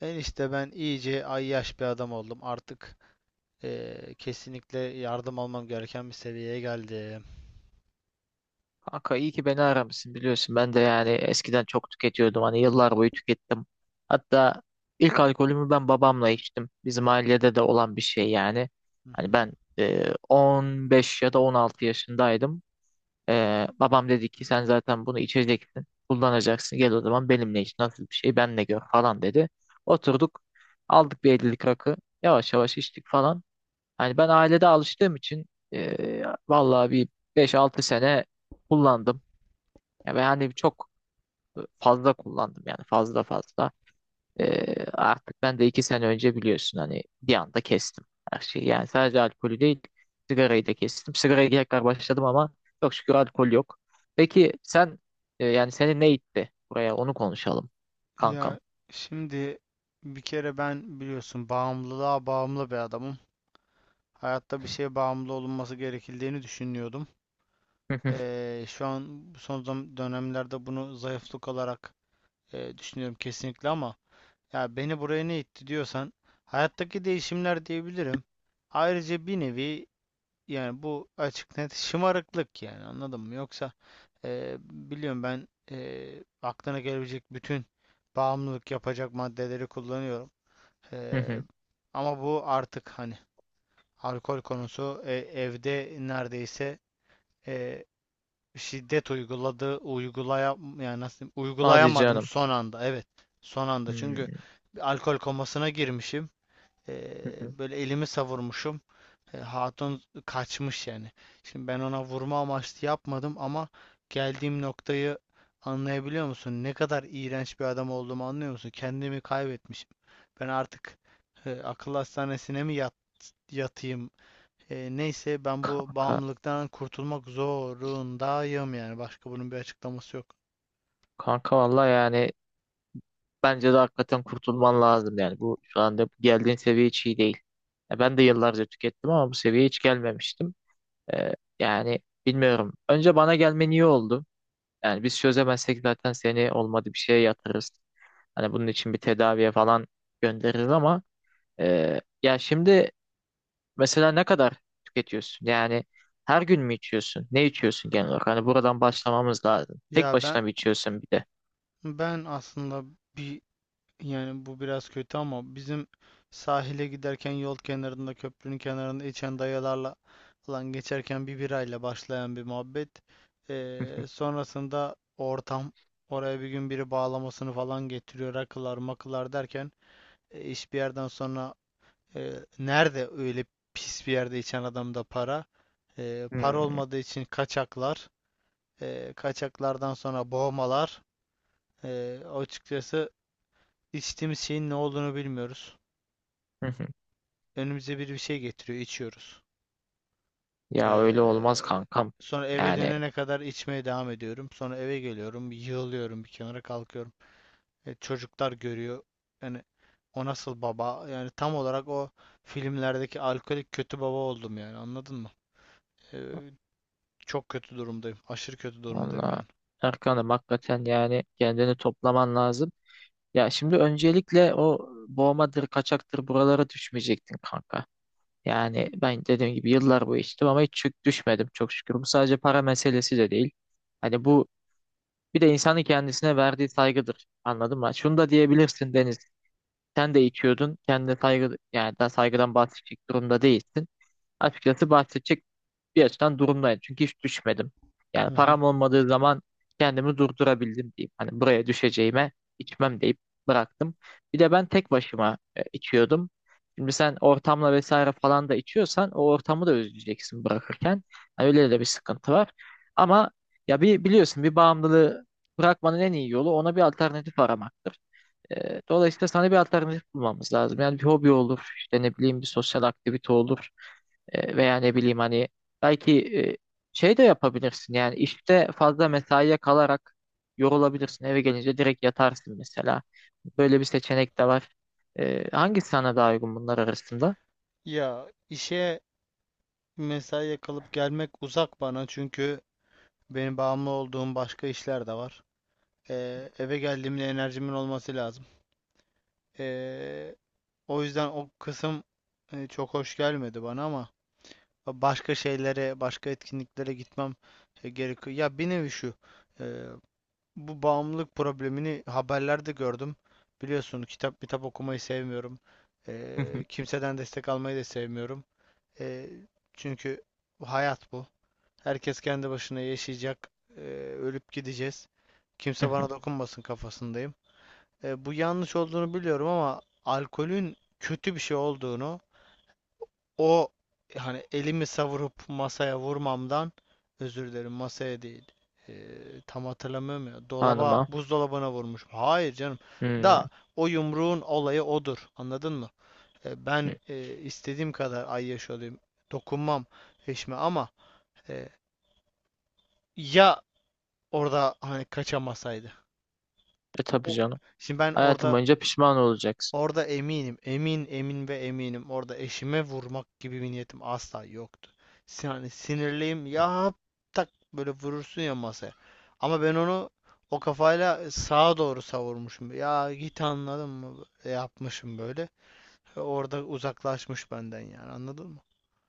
Enişte, ben iyice ayyaş bir adam oldum. Artık kesinlikle yardım almam gereken bir seviyeye geldim. Kanka iyi ki beni aramışsın biliyorsun. Ben de yani eskiden çok tüketiyordum. Hani yıllar boyu tükettim. Hatta ilk alkolümü ben babamla içtim. Bizim ailede de olan bir şey yani. Hı Hani hı. ben 15 ya da 16 yaşındaydım. Babam dedi ki sen zaten bunu içeceksin. Kullanacaksın. Gel o zaman benimle iç. Nasıl bir şey benle gör falan dedi. Oturduk. Aldık bir 50'lik rakı. Yavaş yavaş içtik falan. Hani ben ailede alıştığım için vallahi bir 5-6 sene kullandım. Ya ben hani çok fazla kullandım yani fazla fazla. Artık ben de 2 sene önce biliyorsun hani bir anda kestim her şeyi. Yani sadece alkolü değil sigarayı da kestim. Sigaraya tekrar başladım ama çok şükür alkol yok. Peki sen yani seni ne itti buraya onu konuşalım kankam. Ya şimdi bir kere ben biliyorsun, bağımlılığa bağımlı bir adamım. Hayatta bir şeye bağımlı olunması gerekildiğini düşünüyordum. Hı hı, Şu an dönemlerde bunu zayıflık olarak düşünüyorum kesinlikle, ama ya beni buraya ne itti diyorsan hayattaki değişimler diyebilirim. Ayrıca bir nevi, yani bu açık net şımarıklık, yani anladın mı? Yoksa biliyorum ben, aklına gelebilecek bütün bağımlılık yapacak maddeleri kullanıyorum. hı E, hı. Ama bu artık hani alkol konusu, evde neredeyse e, şiddet uygulaya, yani nasıl diyeyim, Hadi uygulayamadım canım. son anda. Evet, son anda, çünkü Hmm. bir alkol komasına girmişim. E, Hı hı. Böyle elimi savurmuşum, hatun kaçmış yani. Şimdi, ben ona vurma amaçlı yapmadım ama geldiğim noktayı anlayabiliyor musun? Ne kadar iğrenç bir adam olduğumu anlıyor musun? Kendimi kaybetmişim. Ben artık akıl hastanesine mi yatayım? Neyse, ben bu Kanka, bağımlılıktan kurtulmak zorundayım yani. Başka bunun bir açıklaması yok. kanka vallahi yani bence de hakikaten kurtulman lazım yani. Bu şu anda geldiğin seviye hiç iyi değil. Ya ben de yıllarca tükettim ama bu seviyeye hiç gelmemiştim. Ee, Yani bilmiyorum. Önce bana gelmen iyi oldu. Yani biz çözemezsek zaten seni olmadı bir şeye yatırırız. Hani bunun için bir tedaviye falan göndeririz ama ya şimdi mesela ne kadar tüketiyorsun? Yani her gün mü içiyorsun? Ne içiyorsun genel olarak? Hani buradan başlamamız lazım. Tek Ya ben başına mı içiyorsun bir de? ben aslında bir, yani bu biraz kötü ama bizim sahile giderken yol kenarında, köprünün kenarında içen dayılarla falan geçerken bir birayla başlayan bir muhabbet. Sonrasında ortam, oraya bir gün biri bağlamasını falan getiriyor, rakılar makılar derken iş bir yerden sonra, e, nerede öyle pis bir yerde içen adamda para? Para Hmm. olmadığı için kaçaklar. Kaçaklardan sonra boğmalar. Açıkçası içtiğimiz şeyin ne olduğunu bilmiyoruz. Önümüze bir şey getiriyor, içiyoruz. Ya öyle olmaz Ee, kankam. Sonra eve Yani dönene kadar içmeye devam ediyorum. Sonra eve geliyorum, yığılıyorum bir kenara, kalkıyorum. Çocuklar görüyor. Yani o nasıl baba? Yani tam olarak o filmlerdeki alkolik kötü baba oldum, yani anladın mı? Ee, Çok kötü durumdayım. Aşırı kötü durumdayım valla yani. Erkan'ım hakikaten yani kendini toplaman lazım. Ya şimdi öncelikle o boğmadır, kaçaktır buralara düşmeyecektin kanka. Yani ben dediğim gibi yıllar boyu içtim ama hiç düşmedim çok şükür. Bu sadece para meselesi de değil. Hani bu bir de insanın kendisine verdiği saygıdır. Anladın mı? Şunu da diyebilirsin Deniz. Sen de içiyordun. Kendine saygı yani daha saygıdan bahsedecek durumda değilsin. Açıkçası bahsedecek bir açıdan durumdayım. Çünkü hiç düşmedim. Yani Hı hı. param olmadığı zaman kendimi durdurabildim diyeyim. Hani buraya düşeceğime içmem deyip bıraktım. Bir de ben tek başıma içiyordum. Şimdi sen ortamla vesaire falan da içiyorsan o ortamı da özleyeceksin bırakırken. Hani öyle de bir sıkıntı var. Ama ya bir biliyorsun bir bağımlılığı bırakmanın en iyi yolu ona bir alternatif aramaktır. Dolayısıyla sana bir alternatif bulmamız lazım. Yani bir hobi olur, işte ne bileyim bir sosyal aktivite olur. Veya ne bileyim hani belki şey de yapabilirsin yani işte fazla mesaiye kalarak yorulabilirsin. Eve gelince direkt yatarsın mesela. Böyle bir seçenek de var. Hangisi sana daha uygun bunlar arasında? Ya işe, mesaiye kalıp gelmek uzak bana, çünkü benim bağımlı olduğum başka işler de var. Eve geldiğimde enerjimin olması lazım. Ee, O yüzden o kısım çok hoş gelmedi bana, ama başka şeylere, başka etkinliklere gitmem gerekiyor. Ya bir nevi şu, e, bu bağımlılık problemini haberlerde gördüm. Biliyorsun, kitap okumayı sevmiyorum. Hı hı, Kimseden destek almayı da sevmiyorum. Ee, Çünkü hayat bu. Herkes kendi başına yaşayacak. Ee, Ölüp gideceğiz. hı Kimse hı. bana dokunmasın kafasındayım. Bu yanlış olduğunu biliyorum, ama alkolün kötü bir şey olduğunu o, hani elimi savurup masaya vurmamdan, özür dilerim, masaya değil, e, tam hatırlamıyorum, ya dolaba, Hanıma. buzdolabına vurmuş. Hayır canım, Hmm. da o yumruğun olayı odur, anladın mı? Ben, istediğim kadar ay yaş olayım, dokunmam eşime ama, e, ya orada hani kaçamasaydı. E tabii O, canım. şimdi ben Hayatım orada, boyunca pişman olacaksın. orada eminim, emin ve eminim. Orada eşime vurmak gibi bir niyetim asla yoktu. Yani sinirliyim ya, tak böyle vurursun ya masaya. Ama ben onu o kafayla sağa doğru savurmuşum. Ya git, anladın mı? E, yapmışım böyle. E, orada uzaklaşmış benden, yani anladın mı?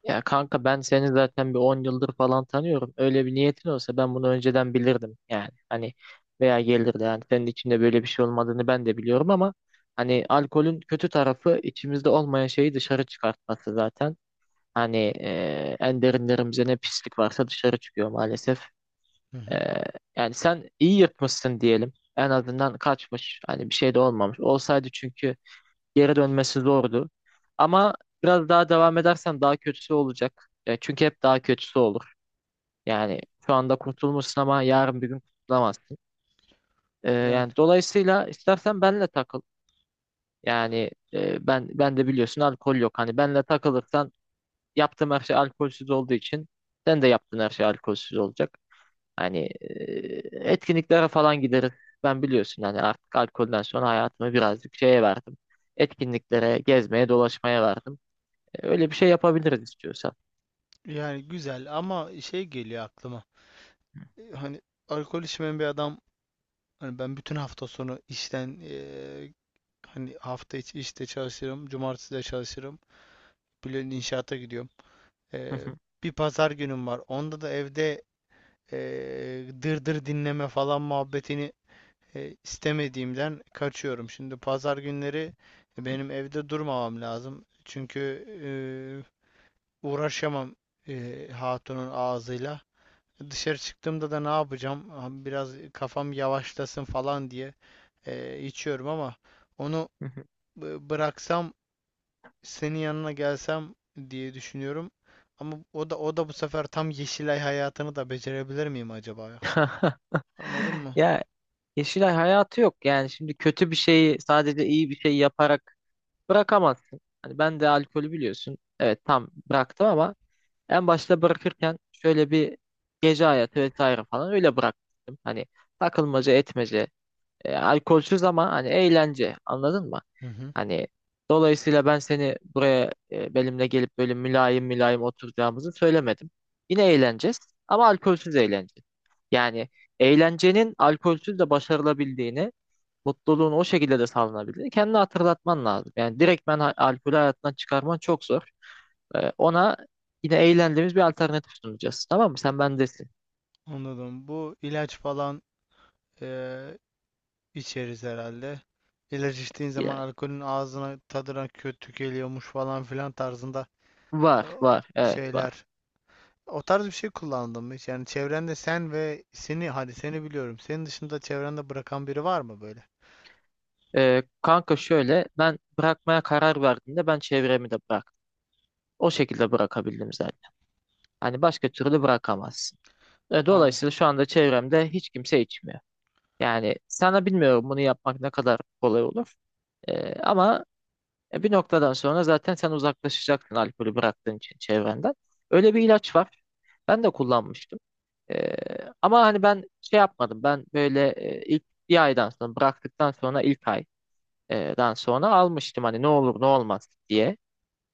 Ya kanka ben seni zaten bir 10 yıldır falan tanıyorum. Öyle bir niyetin olsa ben bunu önceden bilirdim yani. Hani veya gelirdi yani senin içinde böyle bir şey olmadığını ben de biliyorum ama hani alkolün kötü tarafı içimizde olmayan şeyi dışarı çıkartması zaten. Hani en derinlerimizde ne pislik varsa dışarı çıkıyor maalesef. Hı E, hı. Yani sen iyi yırtmışsın diyelim. En azından kaçmış. Hani bir şey de olmamış. Olsaydı çünkü geri dönmesi zordu. Ama biraz daha devam edersen daha kötüsü olacak. Ya çünkü hep daha kötüsü olur. Yani şu anda kurtulmuşsun ama yarın bir gün kurtulamazsın. Yani Yani dolayısıyla istersen benle takıl. Yani ben de biliyorsun alkol yok. Hani benle takılırsan yaptığım her şey alkolsüz olduğu için sen de yaptığın her şey alkolsüz olacak. Hani etkinliklere falan gideriz. Ben biliyorsun hani artık alkolden sonra hayatımı birazcık şeye verdim. Etkinliklere, gezmeye, dolaşmaya verdim. Öyle bir şey yapabiliriz istiyorsan. yani güzel, ama şey geliyor aklıma. E, hani alkol içmeyen bir adam, hani ben bütün hafta sonu işten, hani hafta içi işte çalışırım. Cumartesi de çalışırım. Bülent inşaata gidiyorum. Ee, Bir pazar günüm var. Onda da evde dırdır dinleme falan muhabbetini istemediğimden kaçıyorum. Şimdi pazar günleri benim evde durmamam lazım. Çünkü uğraşamam hatunun ağzıyla. Dışarı çıktığımda da ne yapacağım? Biraz kafam yavaşlasın falan diye içiyorum ama, onu bıraksam, senin yanına gelsem diye düşünüyorum. Ama o da bu sefer tam Yeşilay hayatını da becerebilir miyim acaba ya? Anladın mı? Ya, Yeşilay hayatı yok yani şimdi kötü bir şeyi sadece iyi bir şey yaparak bırakamazsın. Hani ben de alkolü biliyorsun. Evet tam bıraktım ama en başta bırakırken şöyle bir gece hayatı vesaire falan öyle bıraktım. Hani takılmaca etmece, alkolsüz ama hani eğlence anladın mı? Hı hı. Hani dolayısıyla ben seni buraya benimle gelip böyle mülayim mülayim oturacağımızı söylemedim. Yine eğleneceğiz ama alkolsüz eğleneceğiz. Yani eğlencenin alkolsüz de başarılabildiğini. Mutluluğunu o şekilde de sağlanabilir. Kendini hatırlatman lazım. Yani direkt ben alkolü hayatından çıkarman çok zor. Ona yine eğlendiğimiz bir alternatif sunacağız. Tamam mı? Sen bendesin. Anladım. Bu ilaç falan eee, içeriz herhalde. İlaç içtiğin zaman Ya, alkolün ağzına, tadına kötü geliyormuş falan filan tarzında eee, var, var. Evet, var. şeyler. O tarz bir şey kullandım hiç. Yani çevrende sen ve seni, hadi seni biliyorum. Senin dışında çevrende bırakan biri var mı böyle? Kanka şöyle ben bırakmaya karar verdiğimde ben çevremi de bıraktım. O şekilde bırakabildim zaten. Hani başka türlü bırakamazsın. Aa, Dolayısıyla şu anda çevremde hiç kimse içmiyor. Yani sana bilmiyorum bunu yapmak ne kadar kolay olur. Ama bir noktadan sonra zaten sen uzaklaşacaksın alkolü bıraktığın için çevrenden. Öyle bir ilaç var. Ben de kullanmıştım. E, Ama hani ben şey yapmadım. Ben böyle ilk bir aydan sonra bıraktıktan sonra ilk aydan sonra almıştım. Hani ne olur ne olmaz diye.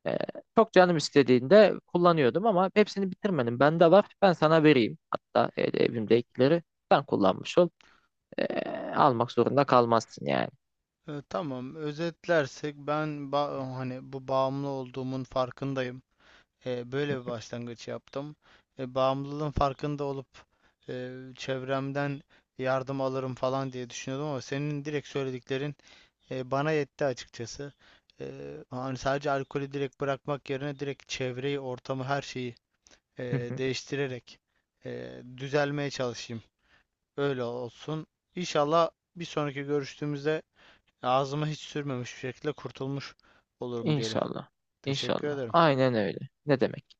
E, Çok canım istediğinde kullanıyordum ama hepsini bitirmedim. Bende var. Ben sana vereyim. Hatta evimdekileri sen kullanmış ol. E, Almak zorunda kalmazsın yani. e, tamam, özetlersek ben, hani bu bağımlı olduğumun farkındayım. E, böyle bir başlangıç yaptım. E, bağımlılığın farkında olup çevremden yardım alırım falan diye düşünüyordum, ama senin direkt söylediklerin bana yetti açıkçası. E, hani sadece alkolü direkt bırakmak yerine direkt çevreyi, ortamı, her şeyi e, değiştirerek düzelmeye çalışayım. Öyle olsun. İnşallah bir sonraki görüştüğümüzde ağzıma hiç sürmemiş bir şekilde kurtulmuş olurum diyelim. İnşallah. Teşekkür İnşallah. ederim. Aynen öyle. Ne demek?